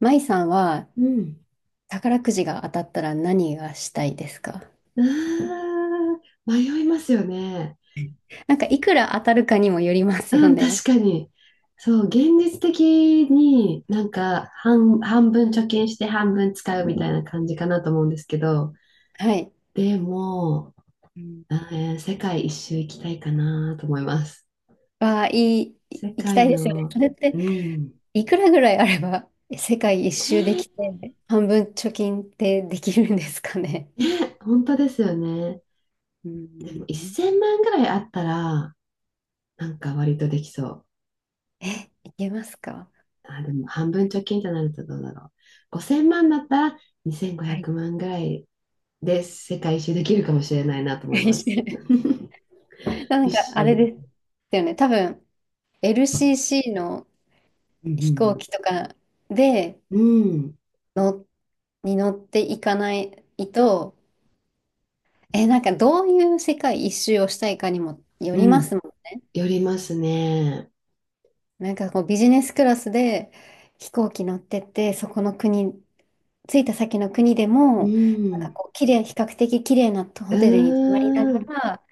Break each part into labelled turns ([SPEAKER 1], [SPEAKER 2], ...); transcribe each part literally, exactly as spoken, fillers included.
[SPEAKER 1] 舞さんは
[SPEAKER 2] うん。
[SPEAKER 1] 宝くじが当たったら何がしたいですか？
[SPEAKER 2] うーん、迷いますよね。
[SPEAKER 1] なんかいくら当たるかにもよります
[SPEAKER 2] う
[SPEAKER 1] よ
[SPEAKER 2] ん、
[SPEAKER 1] ね。
[SPEAKER 2] 確かに。そう、現実的になんか半、半分貯金して半分使うみたいな感じかなと思うんですけど、
[SPEAKER 1] はい。
[SPEAKER 2] でも、えー世界一周行きたいかなと思います。
[SPEAKER 1] わあ、いい、い
[SPEAKER 2] 世
[SPEAKER 1] 行きた
[SPEAKER 2] 界
[SPEAKER 1] いですよね。
[SPEAKER 2] の、
[SPEAKER 1] それって
[SPEAKER 2] うん。
[SPEAKER 1] いくらぐらいあれば世界一周できて半分貯金ってできるんですかね？
[SPEAKER 2] ね、本当ですよね。
[SPEAKER 1] う
[SPEAKER 2] でも
[SPEAKER 1] ん。
[SPEAKER 2] いっせんまんぐらいあったら、なんか割とできそう。
[SPEAKER 1] え、いけますか？
[SPEAKER 2] あ、でも半分貯金となるとどうだろう。ごせんまんだったら2500
[SPEAKER 1] はい。
[SPEAKER 2] 万ぐらいで世界一周できるかもしれないなと思います。
[SPEAKER 1] なん
[SPEAKER 2] 一
[SPEAKER 1] かあれ
[SPEAKER 2] 周。
[SPEAKER 1] ですよね。多分 エルシーシー の
[SPEAKER 2] う
[SPEAKER 1] 飛行
[SPEAKER 2] ん
[SPEAKER 1] 機とかで
[SPEAKER 2] うん、うん
[SPEAKER 1] のに乗っていかないと。え、なんかどういう世界一周をしたいかにもよ
[SPEAKER 2] う
[SPEAKER 1] りま
[SPEAKER 2] ん、
[SPEAKER 1] すも
[SPEAKER 2] よりますね。
[SPEAKER 1] ん。なんかこうビジネスクラスで飛行機乗ってって、そこの国、着いた先の国で
[SPEAKER 2] う
[SPEAKER 1] も、なんか
[SPEAKER 2] ん、
[SPEAKER 1] こう綺麗、比較的綺麗な
[SPEAKER 2] う
[SPEAKER 1] ホテルに泊まりな
[SPEAKER 2] ー
[SPEAKER 1] が
[SPEAKER 2] ん、
[SPEAKER 1] ら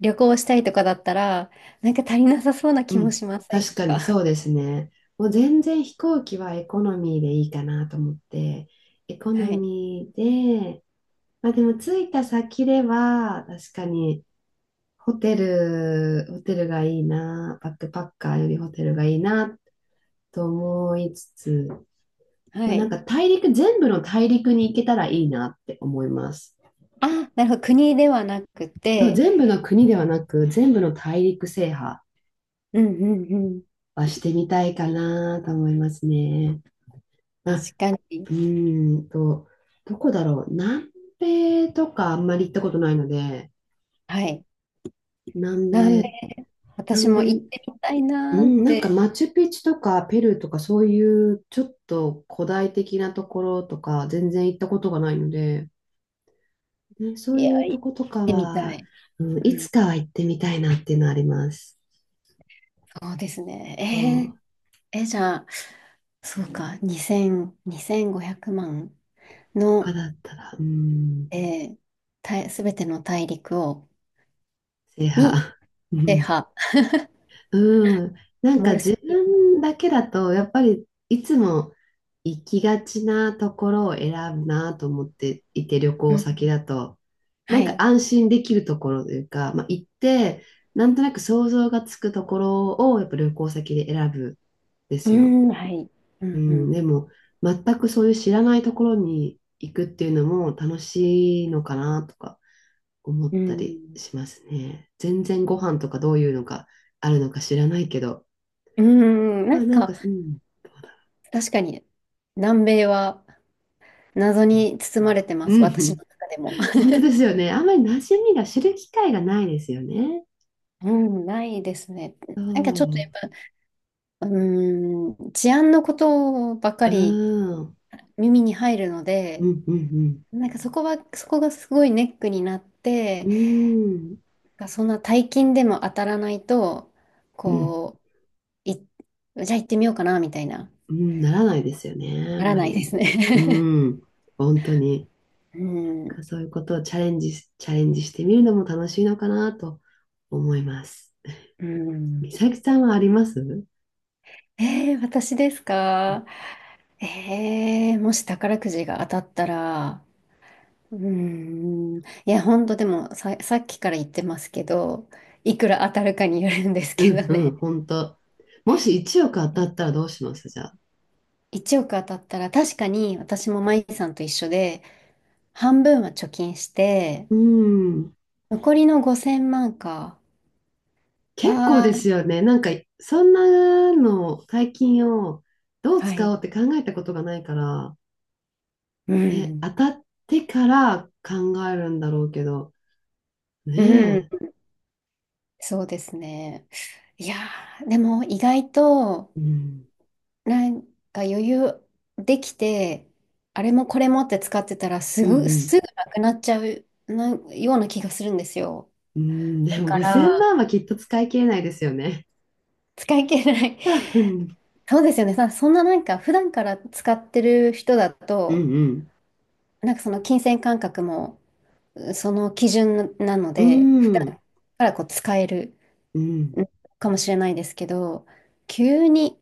[SPEAKER 1] 旅行したいとかだったら、なんか足りなさそうな
[SPEAKER 2] う
[SPEAKER 1] 気も
[SPEAKER 2] ん、
[SPEAKER 1] しません
[SPEAKER 2] 確か
[SPEAKER 1] か？
[SPEAKER 2] に そうですね。もう全然飛行機はエコノミーでいいかなと思って、エコ
[SPEAKER 1] は
[SPEAKER 2] ノ
[SPEAKER 1] い。
[SPEAKER 2] ミーで、まあでも着いた先では、確かにホテル、ホテルがいいな、バックパッカーよりホテルがいいなと思いつつ、ま
[SPEAKER 1] は
[SPEAKER 2] あ、なん
[SPEAKER 1] い。
[SPEAKER 2] か大陸、全部の大陸に行けたらいいなって思います。
[SPEAKER 1] あ、なるほど。国ではなくて、
[SPEAKER 2] 全部の国ではなく、全部の大陸制覇
[SPEAKER 1] うんうんうん。
[SPEAKER 2] はしてみたいかなと思いますね。
[SPEAKER 1] 確
[SPEAKER 2] あ、
[SPEAKER 1] かに。
[SPEAKER 2] うーんと、どこだろう。南米とかあんまり行ったことないので、
[SPEAKER 1] はい。
[SPEAKER 2] 南
[SPEAKER 1] 南米、
[SPEAKER 2] 米、
[SPEAKER 1] 私
[SPEAKER 2] 南
[SPEAKER 1] も行っ
[SPEAKER 2] 米、
[SPEAKER 1] てみたい
[SPEAKER 2] う
[SPEAKER 1] なーっ
[SPEAKER 2] ん、なんか
[SPEAKER 1] て
[SPEAKER 2] マチュピチュとかペルーとかそういうちょっと古代的なところとか全然行ったことがないので、ね、そ
[SPEAKER 1] い
[SPEAKER 2] う
[SPEAKER 1] や、
[SPEAKER 2] いう
[SPEAKER 1] い
[SPEAKER 2] と
[SPEAKER 1] 行
[SPEAKER 2] こと
[SPEAKER 1] っ
[SPEAKER 2] か
[SPEAKER 1] てみた
[SPEAKER 2] は、
[SPEAKER 1] い。
[SPEAKER 2] うん、
[SPEAKER 1] う
[SPEAKER 2] いつ
[SPEAKER 1] ん、
[SPEAKER 2] かは行ってみたいなっていうのはあります。
[SPEAKER 1] そうです
[SPEAKER 2] そ
[SPEAKER 1] ね。
[SPEAKER 2] う、
[SPEAKER 1] えー、え、じゃあ、そうか、にせん、にせんごひゃくまん
[SPEAKER 2] 他
[SPEAKER 1] の、
[SPEAKER 2] だったら、うん、
[SPEAKER 1] えー、た、すべての大陸を、
[SPEAKER 2] 制
[SPEAKER 1] に、
[SPEAKER 2] 覇。う
[SPEAKER 1] 制
[SPEAKER 2] ん
[SPEAKER 1] 覇、
[SPEAKER 2] うん、なん
[SPEAKER 1] マ
[SPEAKER 2] か
[SPEAKER 1] ルセ
[SPEAKER 2] 自
[SPEAKER 1] イ
[SPEAKER 2] 分だけだとやっぱりいつも行きがちなところを選ぶなと思っていて旅行
[SPEAKER 1] ユ。う
[SPEAKER 2] 先
[SPEAKER 1] ん、
[SPEAKER 2] だとな
[SPEAKER 1] は
[SPEAKER 2] んか
[SPEAKER 1] い。
[SPEAKER 2] 安心できるところというか、まあ、行ってなんとなく想像がつくところをやっぱ旅行先で選ぶんで
[SPEAKER 1] う
[SPEAKER 2] すよ。
[SPEAKER 1] ん、はい。う
[SPEAKER 2] う
[SPEAKER 1] ん、う
[SPEAKER 2] ん、で
[SPEAKER 1] ん。
[SPEAKER 2] も全くそういう知らないところに行くっていうのも楽しいのかなとか思っ
[SPEAKER 1] う
[SPEAKER 2] たり
[SPEAKER 1] ん、
[SPEAKER 2] しますね。全然ご飯とかどういうのがあるのか知らないけど。
[SPEAKER 1] うん、な
[SPEAKER 2] まあ
[SPEAKER 1] ん
[SPEAKER 2] なん
[SPEAKER 1] か、
[SPEAKER 2] か、うん。
[SPEAKER 1] 確かに、南米は謎に包まれてま
[SPEAKER 2] う
[SPEAKER 1] す、私の
[SPEAKER 2] ん。
[SPEAKER 1] 中でも。
[SPEAKER 2] 本当ですよね。あんまり馴染みが知る機会がないですよね。
[SPEAKER 1] うん、ないですね。
[SPEAKER 2] そ
[SPEAKER 1] なんかちょっとやっ
[SPEAKER 2] う。
[SPEAKER 1] ぱうーん、治安のことばっか
[SPEAKER 2] う
[SPEAKER 1] り
[SPEAKER 2] ん。
[SPEAKER 1] 耳に入るの
[SPEAKER 2] う
[SPEAKER 1] で、
[SPEAKER 2] んうん
[SPEAKER 1] なんかそこは、そこがすごいネックになっ
[SPEAKER 2] う
[SPEAKER 1] て、
[SPEAKER 2] ん。うん。
[SPEAKER 1] そんな大金でも当たらないと、
[SPEAKER 2] うん。
[SPEAKER 1] こう、い、じゃあ行ってみようかな、みたいな、
[SPEAKER 2] うん。ならないですよね。あ
[SPEAKER 1] な
[SPEAKER 2] ん
[SPEAKER 1] ら
[SPEAKER 2] ま
[SPEAKER 1] ないで
[SPEAKER 2] り。
[SPEAKER 1] す
[SPEAKER 2] う
[SPEAKER 1] ね。
[SPEAKER 2] ん。本当に。
[SPEAKER 1] うん、
[SPEAKER 2] そういうことをチャレンジし、チャレンジしてみるのも楽しいのかなと思います。
[SPEAKER 1] う
[SPEAKER 2] 美
[SPEAKER 1] ん。
[SPEAKER 2] 咲さんはあります？
[SPEAKER 1] えー、私ですか？えー、もし宝くじが当たったら、うーん、いや、ほんとでもさ、さっきから言ってますけど、いくら当たるかによるんです
[SPEAKER 2] う
[SPEAKER 1] け
[SPEAKER 2] ん
[SPEAKER 1] ど
[SPEAKER 2] う
[SPEAKER 1] ね。
[SPEAKER 2] ん、本当。もしいちおく当たったらどうしますじゃあ？
[SPEAKER 1] いちおく当たったら確かに私もマイさんと一緒で半分は貯金して
[SPEAKER 2] うん。
[SPEAKER 1] 残りのごせんまんか。
[SPEAKER 2] 結構です
[SPEAKER 1] は
[SPEAKER 2] よね。なんか、そんなの、大金をどう
[SPEAKER 1] は
[SPEAKER 2] 使
[SPEAKER 1] い。
[SPEAKER 2] おうって考えたことがないから、
[SPEAKER 1] う
[SPEAKER 2] ね、当
[SPEAKER 1] ん。
[SPEAKER 2] たってから考えるんだろうけど、
[SPEAKER 1] うん。
[SPEAKER 2] ね
[SPEAKER 1] そうですね。いやー、でも意外と
[SPEAKER 2] え。うん。
[SPEAKER 1] なんか余裕できてあれもこれもって使ってたらす
[SPEAKER 2] うん
[SPEAKER 1] ぐ
[SPEAKER 2] うん。
[SPEAKER 1] すぐなくなっちゃうなような気がするんですよ。
[SPEAKER 2] うん、で
[SPEAKER 1] だ
[SPEAKER 2] も
[SPEAKER 1] か
[SPEAKER 2] 5000
[SPEAKER 1] ら
[SPEAKER 2] 万はきっと使い切れないですよね。
[SPEAKER 1] 使い切れない。
[SPEAKER 2] 多分。
[SPEAKER 1] そうですよね。さ、そんななんか普段から使ってる人だ
[SPEAKER 2] うん
[SPEAKER 1] と
[SPEAKER 2] うん。
[SPEAKER 1] なんかその金銭感覚もその基準なの
[SPEAKER 2] う
[SPEAKER 1] で、普段
[SPEAKER 2] ん。
[SPEAKER 1] からこう使える
[SPEAKER 2] うん。
[SPEAKER 1] うんかもしれないですけど、急に、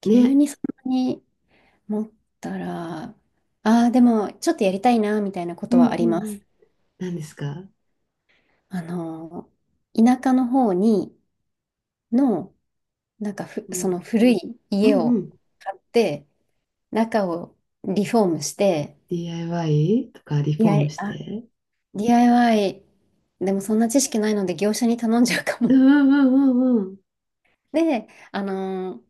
[SPEAKER 1] 急
[SPEAKER 2] ね。
[SPEAKER 1] にそんなに持ったら、ああ、でもちょっとやりたいな、みたいなこ
[SPEAKER 2] う
[SPEAKER 1] と
[SPEAKER 2] んう
[SPEAKER 1] はありま
[SPEAKER 2] んうん。
[SPEAKER 1] す。
[SPEAKER 2] 何ですか？
[SPEAKER 1] あの、田舎の方にの、なんかふ、
[SPEAKER 2] う
[SPEAKER 1] その
[SPEAKER 2] ん。
[SPEAKER 1] 古い
[SPEAKER 2] う
[SPEAKER 1] 家を
[SPEAKER 2] ん
[SPEAKER 1] 買って、中をリフォームして、
[SPEAKER 2] ディーアイワイ とかリ
[SPEAKER 1] デ
[SPEAKER 2] フ
[SPEAKER 1] ィー
[SPEAKER 2] ォ
[SPEAKER 1] ア
[SPEAKER 2] ーム
[SPEAKER 1] イ
[SPEAKER 2] し
[SPEAKER 1] ワイ、
[SPEAKER 2] て。
[SPEAKER 1] あ、 ディーアイワイ でもそんな知識ないので業者に頼んじゃうか
[SPEAKER 2] うん
[SPEAKER 1] も。
[SPEAKER 2] うんうんうん
[SPEAKER 1] で、あの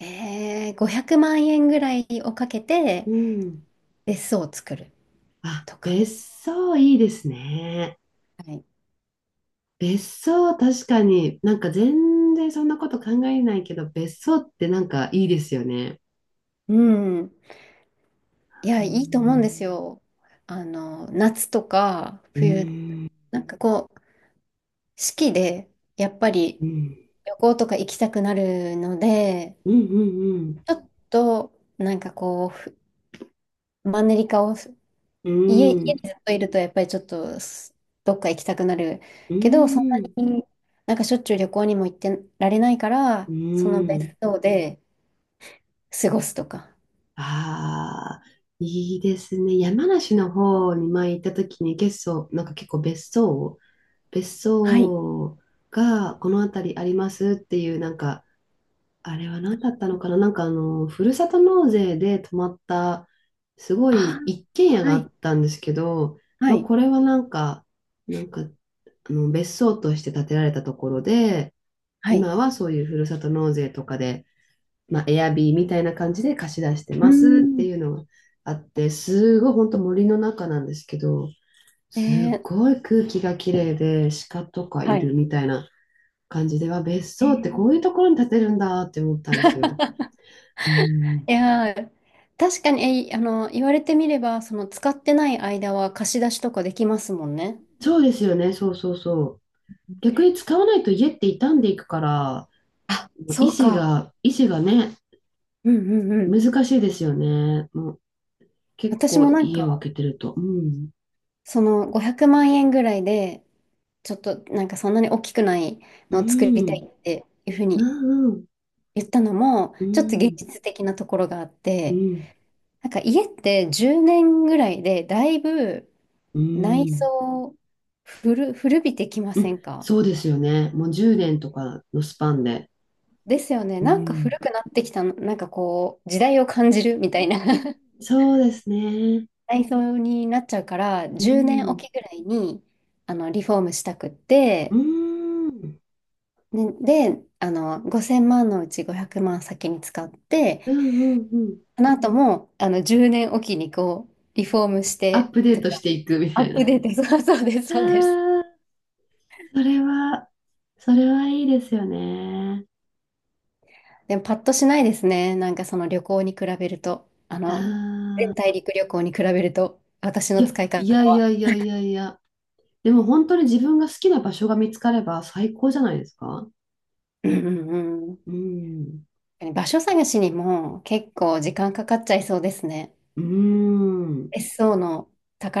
[SPEAKER 1] ー、えー、ごひゃくまん円ぐらいをかけ
[SPEAKER 2] う
[SPEAKER 1] て
[SPEAKER 2] ん。うん。
[SPEAKER 1] 別荘を作る
[SPEAKER 2] あ、
[SPEAKER 1] とか。
[SPEAKER 2] 別荘いいですね。
[SPEAKER 1] はい。
[SPEAKER 2] 別荘確かになんか全然そんなこと考えないけど、別荘ってなんかいいですよね。
[SPEAKER 1] うん。いや、
[SPEAKER 2] う
[SPEAKER 1] いいと思うんで
[SPEAKER 2] ん。
[SPEAKER 1] すよ。あの、夏とか
[SPEAKER 2] う
[SPEAKER 1] 冬、
[SPEAKER 2] ん。
[SPEAKER 1] なんかこう、四季でやっぱり
[SPEAKER 2] うん。
[SPEAKER 1] 旅行とか行きたくなるので、
[SPEAKER 2] うんうん
[SPEAKER 1] ちょっとなんかこう、ふマンネリ化を
[SPEAKER 2] う
[SPEAKER 1] 家、家に
[SPEAKER 2] ん。
[SPEAKER 1] ずっといるとやっぱりちょっとすどっか行きたくなる
[SPEAKER 2] う
[SPEAKER 1] けど、そん
[SPEAKER 2] ん。
[SPEAKER 1] なになんかしょっちゅう旅行にも行ってられないから、
[SPEAKER 2] う
[SPEAKER 1] その別
[SPEAKER 2] ん。
[SPEAKER 1] 荘で過ごすとか。
[SPEAKER 2] ああいいですね。山梨の方に前行った時に結構、なんか結構別荘別
[SPEAKER 1] はい。
[SPEAKER 2] 荘がこの辺りありますっていう、なんか、あれは何だったのかな、なんかあの、ふるさと納税で泊まった、すご
[SPEAKER 1] あ
[SPEAKER 2] い一
[SPEAKER 1] あ、
[SPEAKER 2] 軒家が
[SPEAKER 1] は
[SPEAKER 2] あ
[SPEAKER 1] い。
[SPEAKER 2] ったんですけど、
[SPEAKER 1] は
[SPEAKER 2] まあ、
[SPEAKER 1] い。
[SPEAKER 2] これはなんか、なんか、あの、別荘として建てられたところで、
[SPEAKER 1] はい。
[SPEAKER 2] 今はそういうふるさと納税とかで、まあ、エアビーみたいな感じで貸し出して
[SPEAKER 1] うー
[SPEAKER 2] ますって
[SPEAKER 1] ん。
[SPEAKER 2] いうのがあって、すごい本当森の中なんですけど、す
[SPEAKER 1] え
[SPEAKER 2] っ
[SPEAKER 1] ー、
[SPEAKER 2] ごい空気がきれいで鹿とか
[SPEAKER 1] は
[SPEAKER 2] いる
[SPEAKER 1] い。
[SPEAKER 2] みたいな感じでは別
[SPEAKER 1] え
[SPEAKER 2] 荘ってこう
[SPEAKER 1] ー、
[SPEAKER 2] いうところに建てるんだって思ったんですよ。うん、
[SPEAKER 1] いやー、確かに、えー、あの、言われてみれば、その使ってない間は貸し出しとかできますもんね。
[SPEAKER 2] そうですよね、そうそうそう。逆に使わないと家って傷んでいくから、
[SPEAKER 1] あ、
[SPEAKER 2] 維
[SPEAKER 1] そう
[SPEAKER 2] 持
[SPEAKER 1] か。
[SPEAKER 2] が、維持がね、
[SPEAKER 1] うんうんうん。
[SPEAKER 2] 難しいですよね。もう結
[SPEAKER 1] 私も
[SPEAKER 2] 構
[SPEAKER 1] なん
[SPEAKER 2] 家を空
[SPEAKER 1] か、
[SPEAKER 2] けてると。うん、
[SPEAKER 1] そのごひゃくまん円ぐらいで、ちょっとなんかそんなに大きくない
[SPEAKER 2] う
[SPEAKER 1] のを作りた
[SPEAKER 2] ん、
[SPEAKER 1] いっていうふうに
[SPEAKER 2] うん、
[SPEAKER 1] 言ったのも、
[SPEAKER 2] う
[SPEAKER 1] ちょっと現
[SPEAKER 2] ん、
[SPEAKER 1] 実的なところがあっ
[SPEAKER 2] う
[SPEAKER 1] て、
[SPEAKER 2] ん、
[SPEAKER 1] なんか家ってじゅうねんぐらいでだいぶ
[SPEAKER 2] う
[SPEAKER 1] 内
[SPEAKER 2] ん、
[SPEAKER 1] 装古、古びてきま
[SPEAKER 2] う
[SPEAKER 1] せん
[SPEAKER 2] ん、
[SPEAKER 1] か？
[SPEAKER 2] そうですよね。もうじゅうねんとかのスパンで。
[SPEAKER 1] ですよね。
[SPEAKER 2] う
[SPEAKER 1] なんか古
[SPEAKER 2] ん
[SPEAKER 1] くなってきたの、なんかこう時代を感じるみたいな
[SPEAKER 2] うんうん そうですね。
[SPEAKER 1] 内装になっちゃうから、
[SPEAKER 2] う
[SPEAKER 1] じゅうねんお
[SPEAKER 2] ん。
[SPEAKER 1] きぐらいにあのリフォームしたくっ
[SPEAKER 2] う
[SPEAKER 1] て、
[SPEAKER 2] ん。うん
[SPEAKER 1] ね、であのごせんまんのうちごひゃくまん先に使って、
[SPEAKER 2] うんうん。
[SPEAKER 1] あなたも、あの、じゅうねんおきにこう、リフォームし
[SPEAKER 2] アッ
[SPEAKER 1] て
[SPEAKER 2] プデー
[SPEAKER 1] と
[SPEAKER 2] トし
[SPEAKER 1] か、
[SPEAKER 2] ていくみ
[SPEAKER 1] ア
[SPEAKER 2] た
[SPEAKER 1] ッ
[SPEAKER 2] いな。
[SPEAKER 1] プデート、そうそうです、そうです。
[SPEAKER 2] ああ、それは、それはいいですよね。
[SPEAKER 1] でも、パッとしないですね。なんかその旅行に比べると、あ
[SPEAKER 2] あ
[SPEAKER 1] の、全
[SPEAKER 2] あ。
[SPEAKER 1] 大陸旅行に比べると、私
[SPEAKER 2] い
[SPEAKER 1] の
[SPEAKER 2] や、
[SPEAKER 1] 使い方
[SPEAKER 2] いやいや
[SPEAKER 1] は。
[SPEAKER 2] いやいやいや。でも本当に自分が好きな場所が見つかれば最高じゃないですか。
[SPEAKER 1] うんうん
[SPEAKER 2] うん。
[SPEAKER 1] うん。場所探しにも結構時間かかっちゃいそうですね。
[SPEAKER 2] うん。
[SPEAKER 1] 別荘の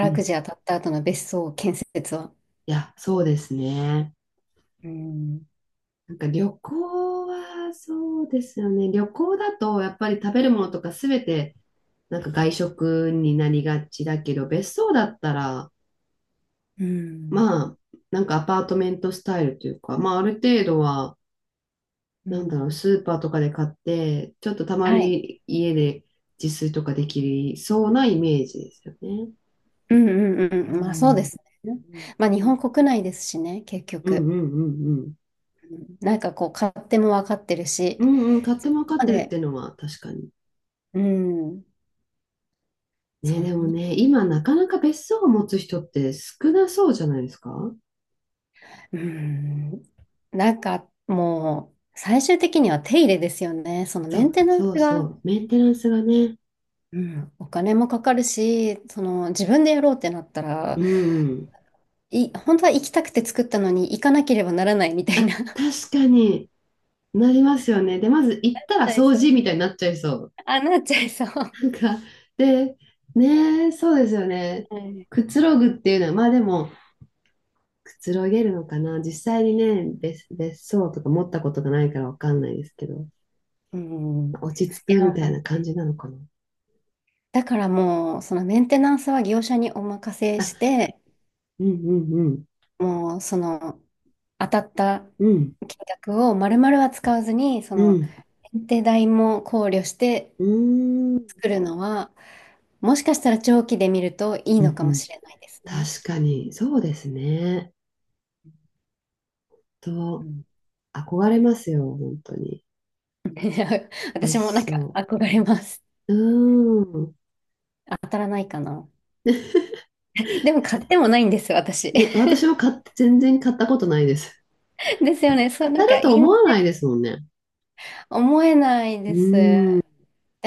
[SPEAKER 2] う
[SPEAKER 1] く
[SPEAKER 2] ん。
[SPEAKER 1] じ当たった後の別荘建設は。
[SPEAKER 2] いや、そうですね。
[SPEAKER 1] うん。
[SPEAKER 2] なんか旅行はそうですよね。旅行だとやっぱり食べるものとかすべてなんか外食になりがちだけど、別荘だったら、
[SPEAKER 1] うん。
[SPEAKER 2] まあ、なんかアパートメントスタイルというか、まあ、ある程度は、
[SPEAKER 1] う
[SPEAKER 2] なんだろう、
[SPEAKER 1] ん。
[SPEAKER 2] スーパーとかで買って、ちょっとたま
[SPEAKER 1] はい。
[SPEAKER 2] に家で自炊とかできそうなイメージですよね。
[SPEAKER 1] うんうん
[SPEAKER 2] う
[SPEAKER 1] うん。まあそうで
[SPEAKER 2] ん。
[SPEAKER 1] すね。
[SPEAKER 2] う
[SPEAKER 1] まあ
[SPEAKER 2] ん
[SPEAKER 1] 日本国内ですしね、結
[SPEAKER 2] うん
[SPEAKER 1] 局。
[SPEAKER 2] うんうん。
[SPEAKER 1] うん、なんかこう、勝手も分かってるし。
[SPEAKER 2] うんうん、買っても分かっ
[SPEAKER 1] な
[SPEAKER 2] て
[SPEAKER 1] の
[SPEAKER 2] るっ
[SPEAKER 1] で、
[SPEAKER 2] ていうのは確かに。
[SPEAKER 1] うん、
[SPEAKER 2] ね、
[SPEAKER 1] そ
[SPEAKER 2] でも
[SPEAKER 1] んな、
[SPEAKER 2] ね、今なかなか別荘を持つ人って少なそうじゃないですか？
[SPEAKER 1] うん、なんかもう、最終的には手入れですよね。その
[SPEAKER 2] そ
[SPEAKER 1] メン
[SPEAKER 2] う、
[SPEAKER 1] テナンス
[SPEAKER 2] そうそ
[SPEAKER 1] が、
[SPEAKER 2] う。メンテナンスがね。
[SPEAKER 1] うん、お金もかかるし、その自分でやろうってなったら、
[SPEAKER 2] うん。
[SPEAKER 1] い、本当は行きたくて作ったのに行かなければならないみたいな。
[SPEAKER 2] 確かになりますよね。で、まず行
[SPEAKER 1] な
[SPEAKER 2] っ
[SPEAKER 1] っ
[SPEAKER 2] たら
[SPEAKER 1] ちゃい
[SPEAKER 2] 掃
[SPEAKER 1] そう。
[SPEAKER 2] 除みたいになっちゃいそう。
[SPEAKER 1] あ、なっちゃいそう。は
[SPEAKER 2] なんか、で、ねえ、そうですよね。
[SPEAKER 1] い。
[SPEAKER 2] くつろぐっていうのは、まあでも、くつろげるのかな。実際にね、別、別荘とか持ったことがないからわかんないですけど、
[SPEAKER 1] うん。
[SPEAKER 2] 落ち着
[SPEAKER 1] い
[SPEAKER 2] くみたい
[SPEAKER 1] や、
[SPEAKER 2] な感じなのかな。
[SPEAKER 1] だからもう、そのメンテナンスは業者にお任せし
[SPEAKER 2] あ、
[SPEAKER 1] て、
[SPEAKER 2] うんうんうん、
[SPEAKER 1] もうその当たった
[SPEAKER 2] うん、
[SPEAKER 1] 金額を丸々は使わずに、そ
[SPEAKER 2] う
[SPEAKER 1] の
[SPEAKER 2] ん、
[SPEAKER 1] 検定代も考慮して
[SPEAKER 2] うーん、
[SPEAKER 1] 作るのは、もしかしたら長期で見るといい
[SPEAKER 2] う
[SPEAKER 1] の
[SPEAKER 2] ん
[SPEAKER 1] か
[SPEAKER 2] う
[SPEAKER 1] も
[SPEAKER 2] ん。
[SPEAKER 1] しれないですね。
[SPEAKER 2] 確かに、そうですね。
[SPEAKER 1] う
[SPEAKER 2] と、
[SPEAKER 1] ん。
[SPEAKER 2] 憧れますよ、本当に。別
[SPEAKER 1] 私もなんか
[SPEAKER 2] 荘。
[SPEAKER 1] 憧れます。
[SPEAKER 2] うーん。
[SPEAKER 1] 当たらないかな。でも買ってもないんです、私。
[SPEAKER 2] ね、私も買って全然買ったことないです。
[SPEAKER 1] ですよね。そ
[SPEAKER 2] 当
[SPEAKER 1] う、な
[SPEAKER 2] た
[SPEAKER 1] ん
[SPEAKER 2] る
[SPEAKER 1] か
[SPEAKER 2] と
[SPEAKER 1] 言いま
[SPEAKER 2] 思わ
[SPEAKER 1] せん。
[SPEAKER 2] ないですもんね。
[SPEAKER 1] 思えない
[SPEAKER 2] う
[SPEAKER 1] です。で、
[SPEAKER 2] ーん。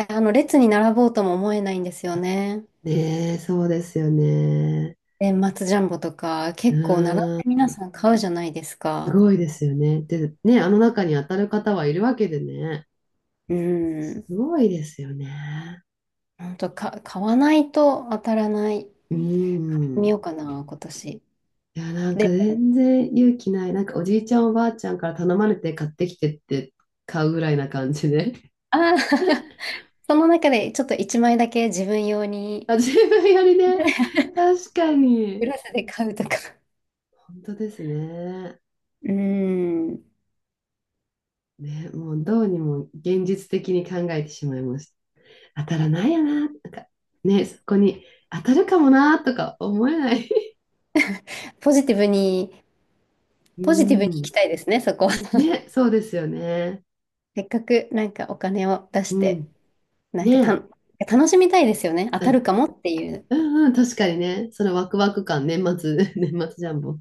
[SPEAKER 1] あの、列に並ぼうとも思えないんですよね。
[SPEAKER 2] ねえ、そうですよね。
[SPEAKER 1] 年末ジャンボとか、
[SPEAKER 2] う
[SPEAKER 1] 結構並んで
[SPEAKER 2] ーん。
[SPEAKER 1] 皆さん買うじゃないです
[SPEAKER 2] す
[SPEAKER 1] か。
[SPEAKER 2] ごいですよね。で、ね、あの中に当たる方はいるわけでね。
[SPEAKER 1] う
[SPEAKER 2] す
[SPEAKER 1] ん。
[SPEAKER 2] ごいですよね。
[SPEAKER 1] 本当か、買わないと当たらない。
[SPEAKER 2] うー
[SPEAKER 1] 見よ
[SPEAKER 2] ん。
[SPEAKER 1] うかな、今年。
[SPEAKER 2] いや、なんか
[SPEAKER 1] で、
[SPEAKER 2] 全然勇気ない。なんかおじいちゃんおばあちゃんから頼まれて買ってきてって買うぐらいな感じで。
[SPEAKER 1] ああ、 その中でちょっといちまいだけ自分用 に、
[SPEAKER 2] あ、自分よりね。確かに。
[SPEAKER 1] 裏スで買うとか。
[SPEAKER 2] 本当ですね。
[SPEAKER 1] うん。
[SPEAKER 2] ね、もうどうにも現実的に考えてしまいました。当たらないよな、なんか、ね、そこに当たるかもなとか思えない。
[SPEAKER 1] ポジティブに、
[SPEAKER 2] う
[SPEAKER 1] ポジティブに行
[SPEAKER 2] ん。
[SPEAKER 1] きたいですね、そこは。
[SPEAKER 2] ね、そうですよね。
[SPEAKER 1] せっかくなんかお金を出し
[SPEAKER 2] う
[SPEAKER 1] て、
[SPEAKER 2] ん。
[SPEAKER 1] なんかた、
[SPEAKER 2] ね、
[SPEAKER 1] 楽しみたいですよね。当
[SPEAKER 2] う
[SPEAKER 1] た
[SPEAKER 2] ん
[SPEAKER 1] るかもっていう。
[SPEAKER 2] うんうん、確かにね、そのワクワク感、年末 年末ジャンボ。